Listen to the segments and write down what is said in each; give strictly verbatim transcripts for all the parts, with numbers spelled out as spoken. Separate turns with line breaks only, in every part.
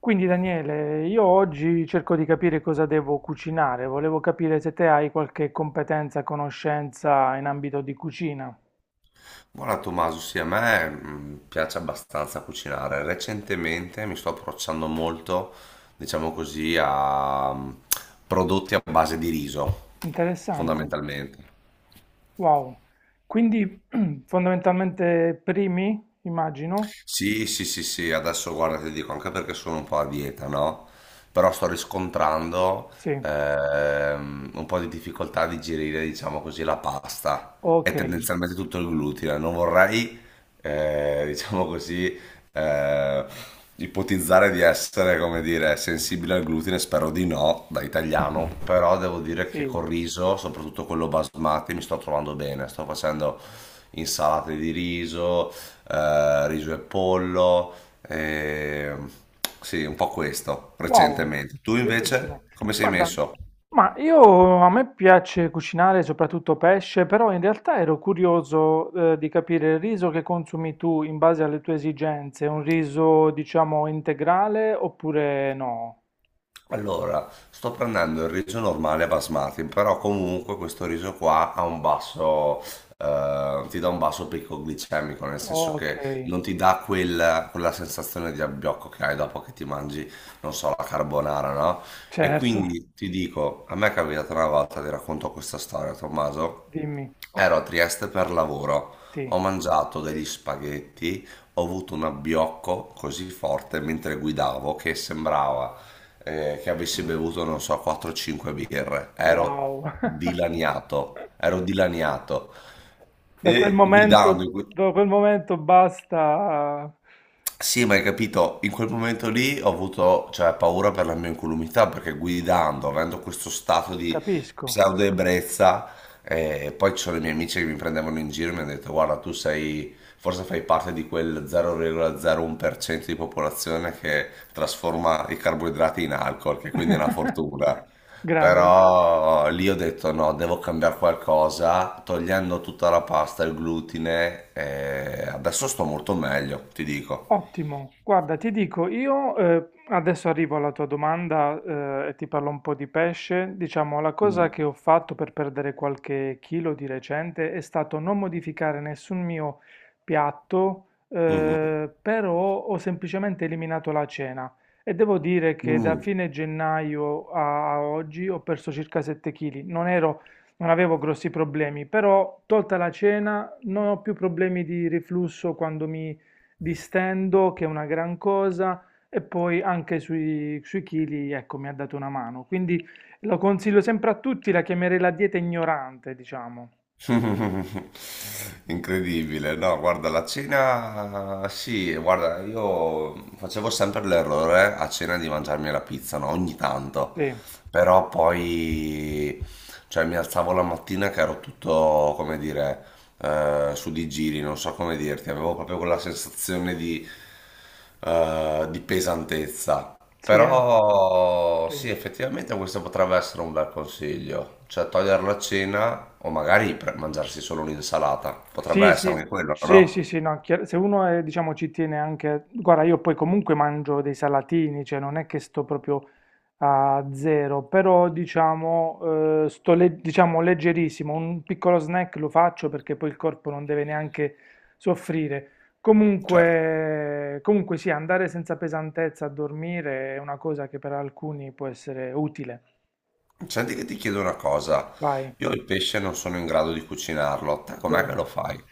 Quindi Daniele, io oggi cerco di capire cosa devo cucinare. Volevo capire se te hai qualche competenza, conoscenza in ambito di cucina.
Guarda Tommaso, sì, a me mh, piace abbastanza cucinare. Recentemente mi sto approcciando molto, diciamo così, a mh, prodotti a base di riso,
Interessante.
fondamentalmente.
Wow. Quindi fondamentalmente primi, immagino?
Sì, sì, sì, sì, adesso guarda, ti dico anche perché sono un po' a dieta, no? Però sto riscontrando
Sì.
ehm, un po' di difficoltà a digerire, diciamo così, la pasta
Ok,
e tendenzialmente tutto il glutine. Non vorrei, eh, diciamo così, eh, ipotizzare di essere, come dire, sensibile al glutine, spero di no, da italiano, però devo dire che
sì.
col riso, soprattutto quello basmati, mi sto trovando bene, sto facendo insalate di riso eh, riso e pollo, eh, sì, un po' questo
Wow,
recentemente. Tu
bellissimo.
invece come sei
Guarda,
messo?
ma io a me piace cucinare soprattutto pesce, però in realtà ero curioso, eh, di capire il riso che consumi tu in base alle tue esigenze, un riso, diciamo, integrale oppure no?
Allora, sto prendendo il riso normale basmati, però comunque questo riso qua ha un basso, eh, ti dà un basso picco glicemico, nel senso che
Ok,
non ti dà quel- quella sensazione di abbiocco che hai dopo che ti mangi, non so, la carbonara, no? E
certo,
quindi ti dico, a me è capitata una volta, ti racconto questa storia, Tommaso,
dimmi,
ero a Trieste per lavoro,
sì.
ho mangiato degli spaghetti, ho avuto un abbiocco così forte mentre guidavo che sembrava eh, che avessi bevuto, non so, quattro o cinque birre. Ero
Wow.
dilaniato, ero dilaniato.
Da quel
E guidando,
momento,
in que-
da quel momento basta,
sì, ma hai capito, in quel momento lì ho avuto, cioè, paura per la mia incolumità perché guidando, avendo questo stato di
capisco.
pseudo-ebbrezza, eh, poi ci sono i miei amici che mi prendevano in giro e mi hanno detto: Guarda, tu sei, forse fai parte di quel zero virgola zero uno per cento di popolazione che trasforma i carboidrati in alcol, che quindi è una fortuna.
Grande.
Però lì ho detto: No, devo cambiare qualcosa, togliendo tutta la pasta, il glutine, e adesso sto molto meglio, ti dico.
Ottimo, guarda, ti dico, io eh, adesso arrivo alla tua domanda eh, e ti parlo un po' di pesce. Diciamo, la cosa
Mm.
che ho fatto per perdere qualche chilo di recente è stato non modificare nessun mio piatto,
Mhm.
eh, però ho semplicemente eliminato la cena e devo dire che da
Mm.
fine gennaio a a oggi ho perso circa sette chili. Non ero, non avevo grossi problemi, però tolta la cena non ho più problemi di riflusso quando mi distendo, che è una gran cosa, e poi anche sui, sui chili, ecco, mi ha dato una mano. Quindi lo consiglio sempre a tutti, la chiamerei la dieta ignorante, diciamo.
Incredibile, no? Guarda, la cena, sì, guarda, io facevo sempre l'errore eh, a cena di mangiarmi la pizza, no? Ogni tanto,
Sì,
però poi, cioè, mi alzavo la mattina che ero tutto, come dire, eh, su di giri, non so come dirti, avevo proprio quella sensazione di, eh, di pesantezza.
sì, eh,
Però
sì.
sì, effettivamente questo potrebbe essere un bel consiglio, cioè togliere la cena o magari pre- mangiarsi solo un'insalata, potrebbe
Sì, sì,
essere anche quello,
sì, sì,
no?
sì, no, chiar- se uno è, diciamo, ci tiene anche. Guarda, io poi comunque mangio dei salatini, cioè non è che sto proprio a zero, però diciamo, eh, sto le- diciamo leggerissimo, un piccolo snack lo faccio perché poi il corpo non deve neanche soffrire.
Cioè,
Comunque, comunque sì, andare senza pesantezza a dormire è una cosa che per alcuni può essere utile.
senti che ti chiedo una cosa,
Vai,
io il pesce non sono in grado di cucinarlo, te com'è che
bene.
lo fai?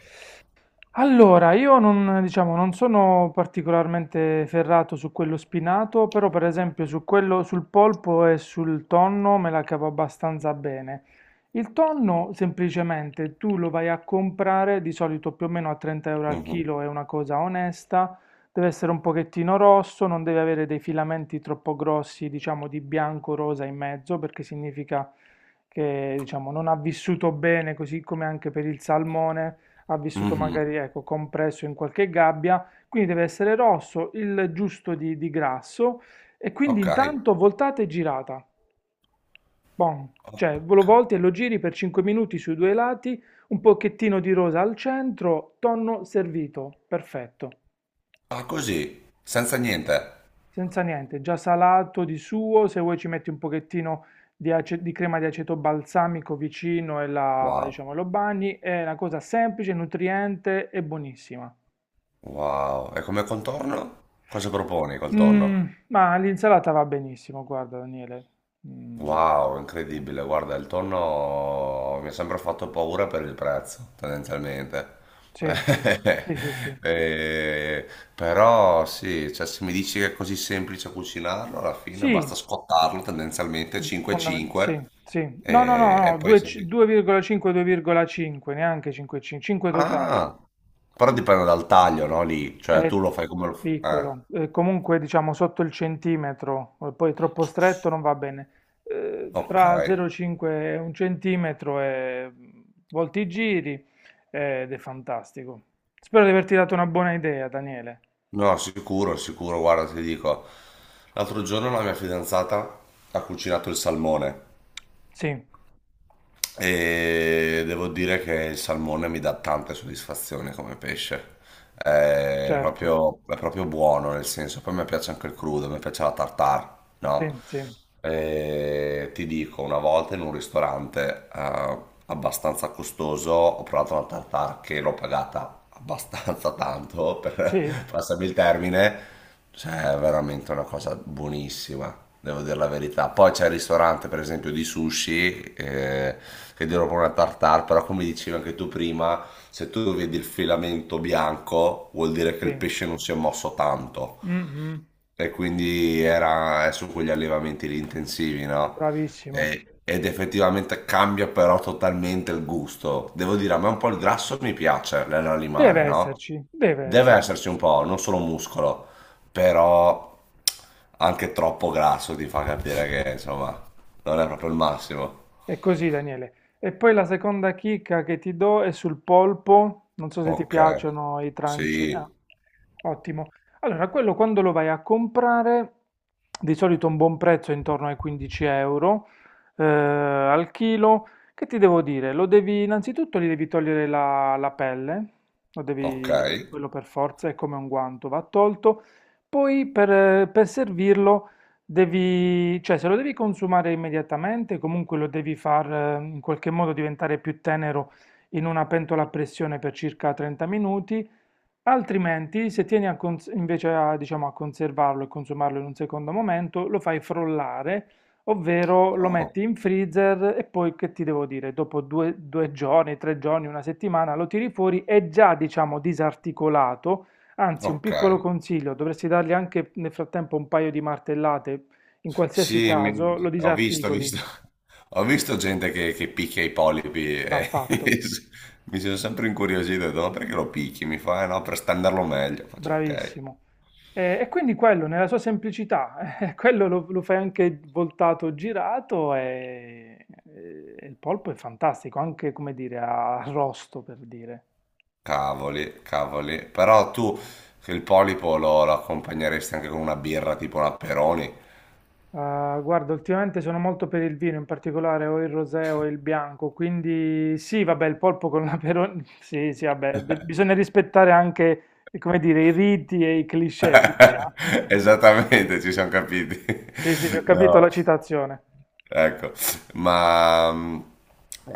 Allora, io non, diciamo, non sono particolarmente ferrato su quello spinato, però per esempio su quello, sul polpo e sul tonno me la cavo abbastanza bene. Il tonno semplicemente tu lo vai a comprare di solito più o meno a trenta euro al
Mhm,
chilo, è una cosa onesta, deve essere un pochettino rosso, non deve avere dei filamenti troppo grossi, diciamo di bianco-rosa in mezzo, perché significa che diciamo, non ha vissuto bene, così come anche per il salmone ha vissuto
mhm.
magari ecco, compresso in qualche gabbia, quindi deve essere rosso, il giusto di, di grasso e quindi
Ok,
intanto voltate e girata. Bon. Cioè,
ok.
lo volti e lo giri per cinque minuti sui due lati, un pochettino di rosa al centro, tonno servito, perfetto,
Ah, così, senza niente.
senza niente, già salato di suo, se vuoi ci metti un pochettino di, ace- di crema di aceto balsamico vicino e la,
Wow,
diciamo, lo bagni, è una cosa semplice, nutriente e buonissima.
wow. E come contorno? Cosa proponi col
Mm,
tonno?
ma l'insalata va benissimo, guarda Daniele. Mm,
Wow, incredibile. Guarda, il tonno mi ha sempre fatto paura per il prezzo, tendenzialmente.
sì, sì, sì, sì, sì.
Eh, però sì, cioè, se mi dici che è così semplice cucinarlo, alla fine basta
Sì,
scottarlo tendenzialmente
fondamen-
cinque cinque
sì, sì. No, no,
e, e
no, no,
poi serve.
due virgola cinque-due virgola cinque, neanche cinque virgola cinque, cinque totale.
Ah, però dipende dal taglio, no? Lì, cioè
È
tu lo fai come lo fai.
piccolo, eh, comunque diciamo sotto il centimetro, eh, poi troppo stretto non va bene. Eh,
Ok.
tra zero virgola cinque e un centimetro e mm, volti i giri eh, ed è fantastico. Spero di averti dato una buona idea, Daniele.
No, sicuro, sicuro, guarda, ti dico. L'altro giorno la mia fidanzata ha cucinato il salmone
Sì,
e devo dire che il salmone mi dà tante soddisfazioni come pesce. È
certo,
proprio, è proprio buono, nel senso, poi mi piace anche il crudo, mi piace la tartare, no?
sì, sì,
E ti dico, una volta in un ristorante eh, abbastanza costoso ho provato una tartare che l'ho pagata abbastanza tanto,
sì,
per passarmi il termine. Cioè, è veramente una cosa buonissima, devo dire la verità. Poi c'è il ristorante, per esempio, di sushi, eh, che dirò proprio una tartare, però come dicevi anche tu prima, se tu vedi il filamento bianco, vuol dire che il
sì,
pesce non si è mosso tanto.
mhm,
E quindi era è su quegli allevamenti lì intensivi, no?
bravissimo.
E- ed effettivamente cambia però totalmente il gusto. Devo dire, a me un po' il grasso mi piace
Deve
nell'animale, no?
esserci, deve
Deve
esserci.
esserci un po',
Sì.
non solo muscolo, però anche troppo grasso ti fa capire che, insomma, non è proprio il massimo.
È così, Daniele. E poi la seconda chicca che ti do è sul polpo. Non so se ti
Ok,
piacciono i
sì,
tranci. Ah, ottimo. Allora, quello quando lo vai a comprare, di solito un buon prezzo è intorno ai quindici euro eh, al chilo. Che ti devo dire? Lo devi, innanzitutto gli devi togliere la, la pelle, lo
ok,
devi, quello per forza, è come un guanto, va tolto. Poi per, per servirlo. Devi, cioè, se lo devi consumare immediatamente, comunque lo devi far eh, in qualche modo diventare più tenero in una pentola a pressione per circa trenta minuti. Altrimenti, se tieni a cons- invece a, diciamo, a conservarlo e consumarlo in un secondo momento, lo fai frollare, ovvero lo
oh,
metti in freezer e poi che ti devo dire, dopo due, due giorni, tre giorni, una settimana lo tiri fuori, è già, diciamo, disarticolato. Anzi, un
ok.
piccolo consiglio, dovresti dargli anche nel frattempo un paio di martellate, in qualsiasi
Sì, mi-
caso lo
ho visto, ho
disarticoli,
visto, ho visto gente che, che picchia i polipi
va
e
fatto.
mi sono sempre incuriosito, ho detto, ma perché lo picchi? Mi fa, "Eh no, per stenderlo meglio. Faccio, ok,
Bravissimo. Ehm, e quindi quello nella sua semplicità, eh, quello lo lo fai anche voltato, girato e e e il polpo è fantastico, anche come dire a arrosto per dire.
cavoli, cavoli. Però tu che il polipo lo, lo accompagneresti anche con una birra tipo una Peroni?
Ah, guarda ultimamente sono molto per il vino, in particolare o il rosé o il bianco, quindi sì vabbè il polpo con l'aperol sì, sì vabbè, de bisogna rispettare anche, ehm, come dire, i riti e i cliché, ci sta.
Esattamente, ci siamo capiti.
Sì, sì, sì, ho capito la
No.
citazione.
Ecco, ma, ma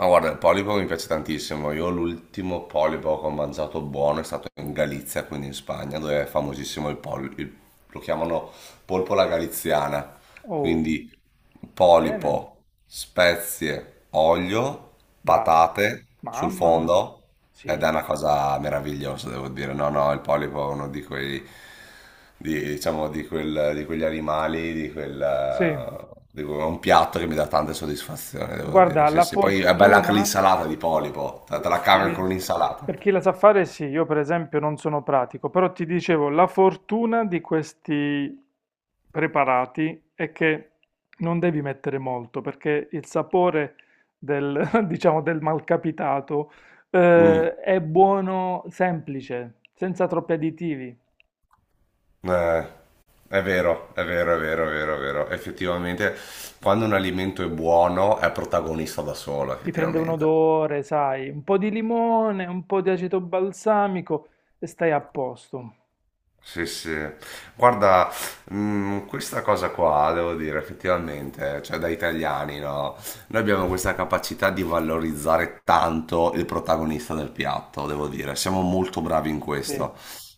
guarda, il polipo mi piace tantissimo. Io l'ultimo polipo che ho mangiato buono è stato in Galizia, quindi in Spagna, dove è famosissimo il polipo. Lo chiamano polpola galiziana.
Oh.
Quindi
Bene.
polipo, spezie, olio,
Dai,
patate sul
mamma,
fondo ed è
sì,
una cosa meravigliosa, devo dire. No, no, il polipo è uno di quei di, diciamo, di, quel- di quegli animali, di
sì,
quel... di quel- è un piatto che mi dà tante soddisfazioni, devo dire.
guarda,
Sì,
la
sì. Poi è bella anche
fortuna,
l'insalata di polipo, te te
gu-
la
sì,
cavi con l'insalata.
per chi la sa fare, sì, io per esempio non sono pratico, però ti dicevo, la fortuna di questi preparati è che non devi mettere molto, perché il sapore del, diciamo, del malcapitato,
Mm,
eh, è buono semplice, senza troppi additivi.
eh, è vero, è vero, è vero, è vero, è vero. Effettivamente, quando un alimento è buono, è protagonista da solo,
Ti prende un
effettivamente.
odore, sai, un po' di limone, un po' di aceto balsamico e stai a posto.
Sì, sì. Guarda, mh, questa cosa qua, devo dire, effettivamente, cioè da italiani, no? Noi abbiamo questa capacità di valorizzare tanto il protagonista del piatto, devo dire. Siamo molto bravi in
Sì,
questo.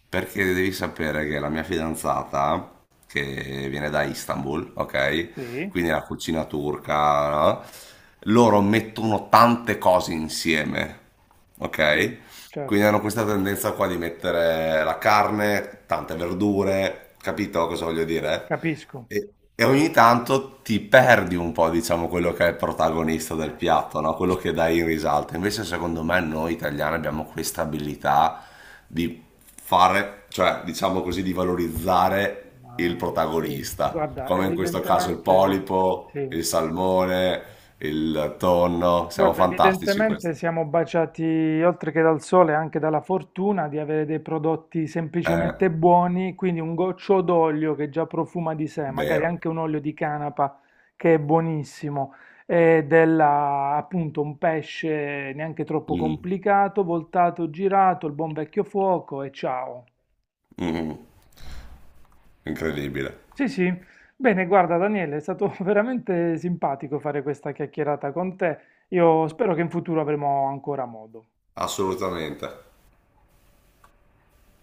Perché devi sapere che la mia fidanzata, che viene da Istanbul, ok?
sì,
Quindi la cucina turca, no? Loro mettono tante cose insieme,
sì,
ok? Quindi
certo,
hanno questa tendenza qua di mettere la carne, tante verdure, capito cosa voglio dire?
capisco.
E, e ogni tanto ti perdi un po', diciamo, quello che è il protagonista del piatto, no? Quello che dai in risalto. Invece, secondo me, noi italiani abbiamo questa abilità di fare, cioè, diciamo così, di valorizzare il
Ma sì,
protagonista,
guarda,
come in questo caso il
evidentemente
polipo,
sì.
il salmone, il tonno. Siamo
Guarda,
fantastici in questo.
evidentemente siamo baciati oltre che dal sole anche dalla fortuna di avere dei prodotti
È
semplicemente buoni, quindi un goccio d'olio che già profuma di sé, magari
vero.
anche un olio di canapa che è buonissimo, e della, appunto un pesce neanche troppo
Mm,
complicato, voltato, girato, il buon vecchio fuoco e ciao.
mm, mm, incredibile,
Sì, sì. Bene, guarda Daniele, è stato veramente simpatico fare questa chiacchierata con te. Io spero che in futuro avremo ancora modo.
assolutamente.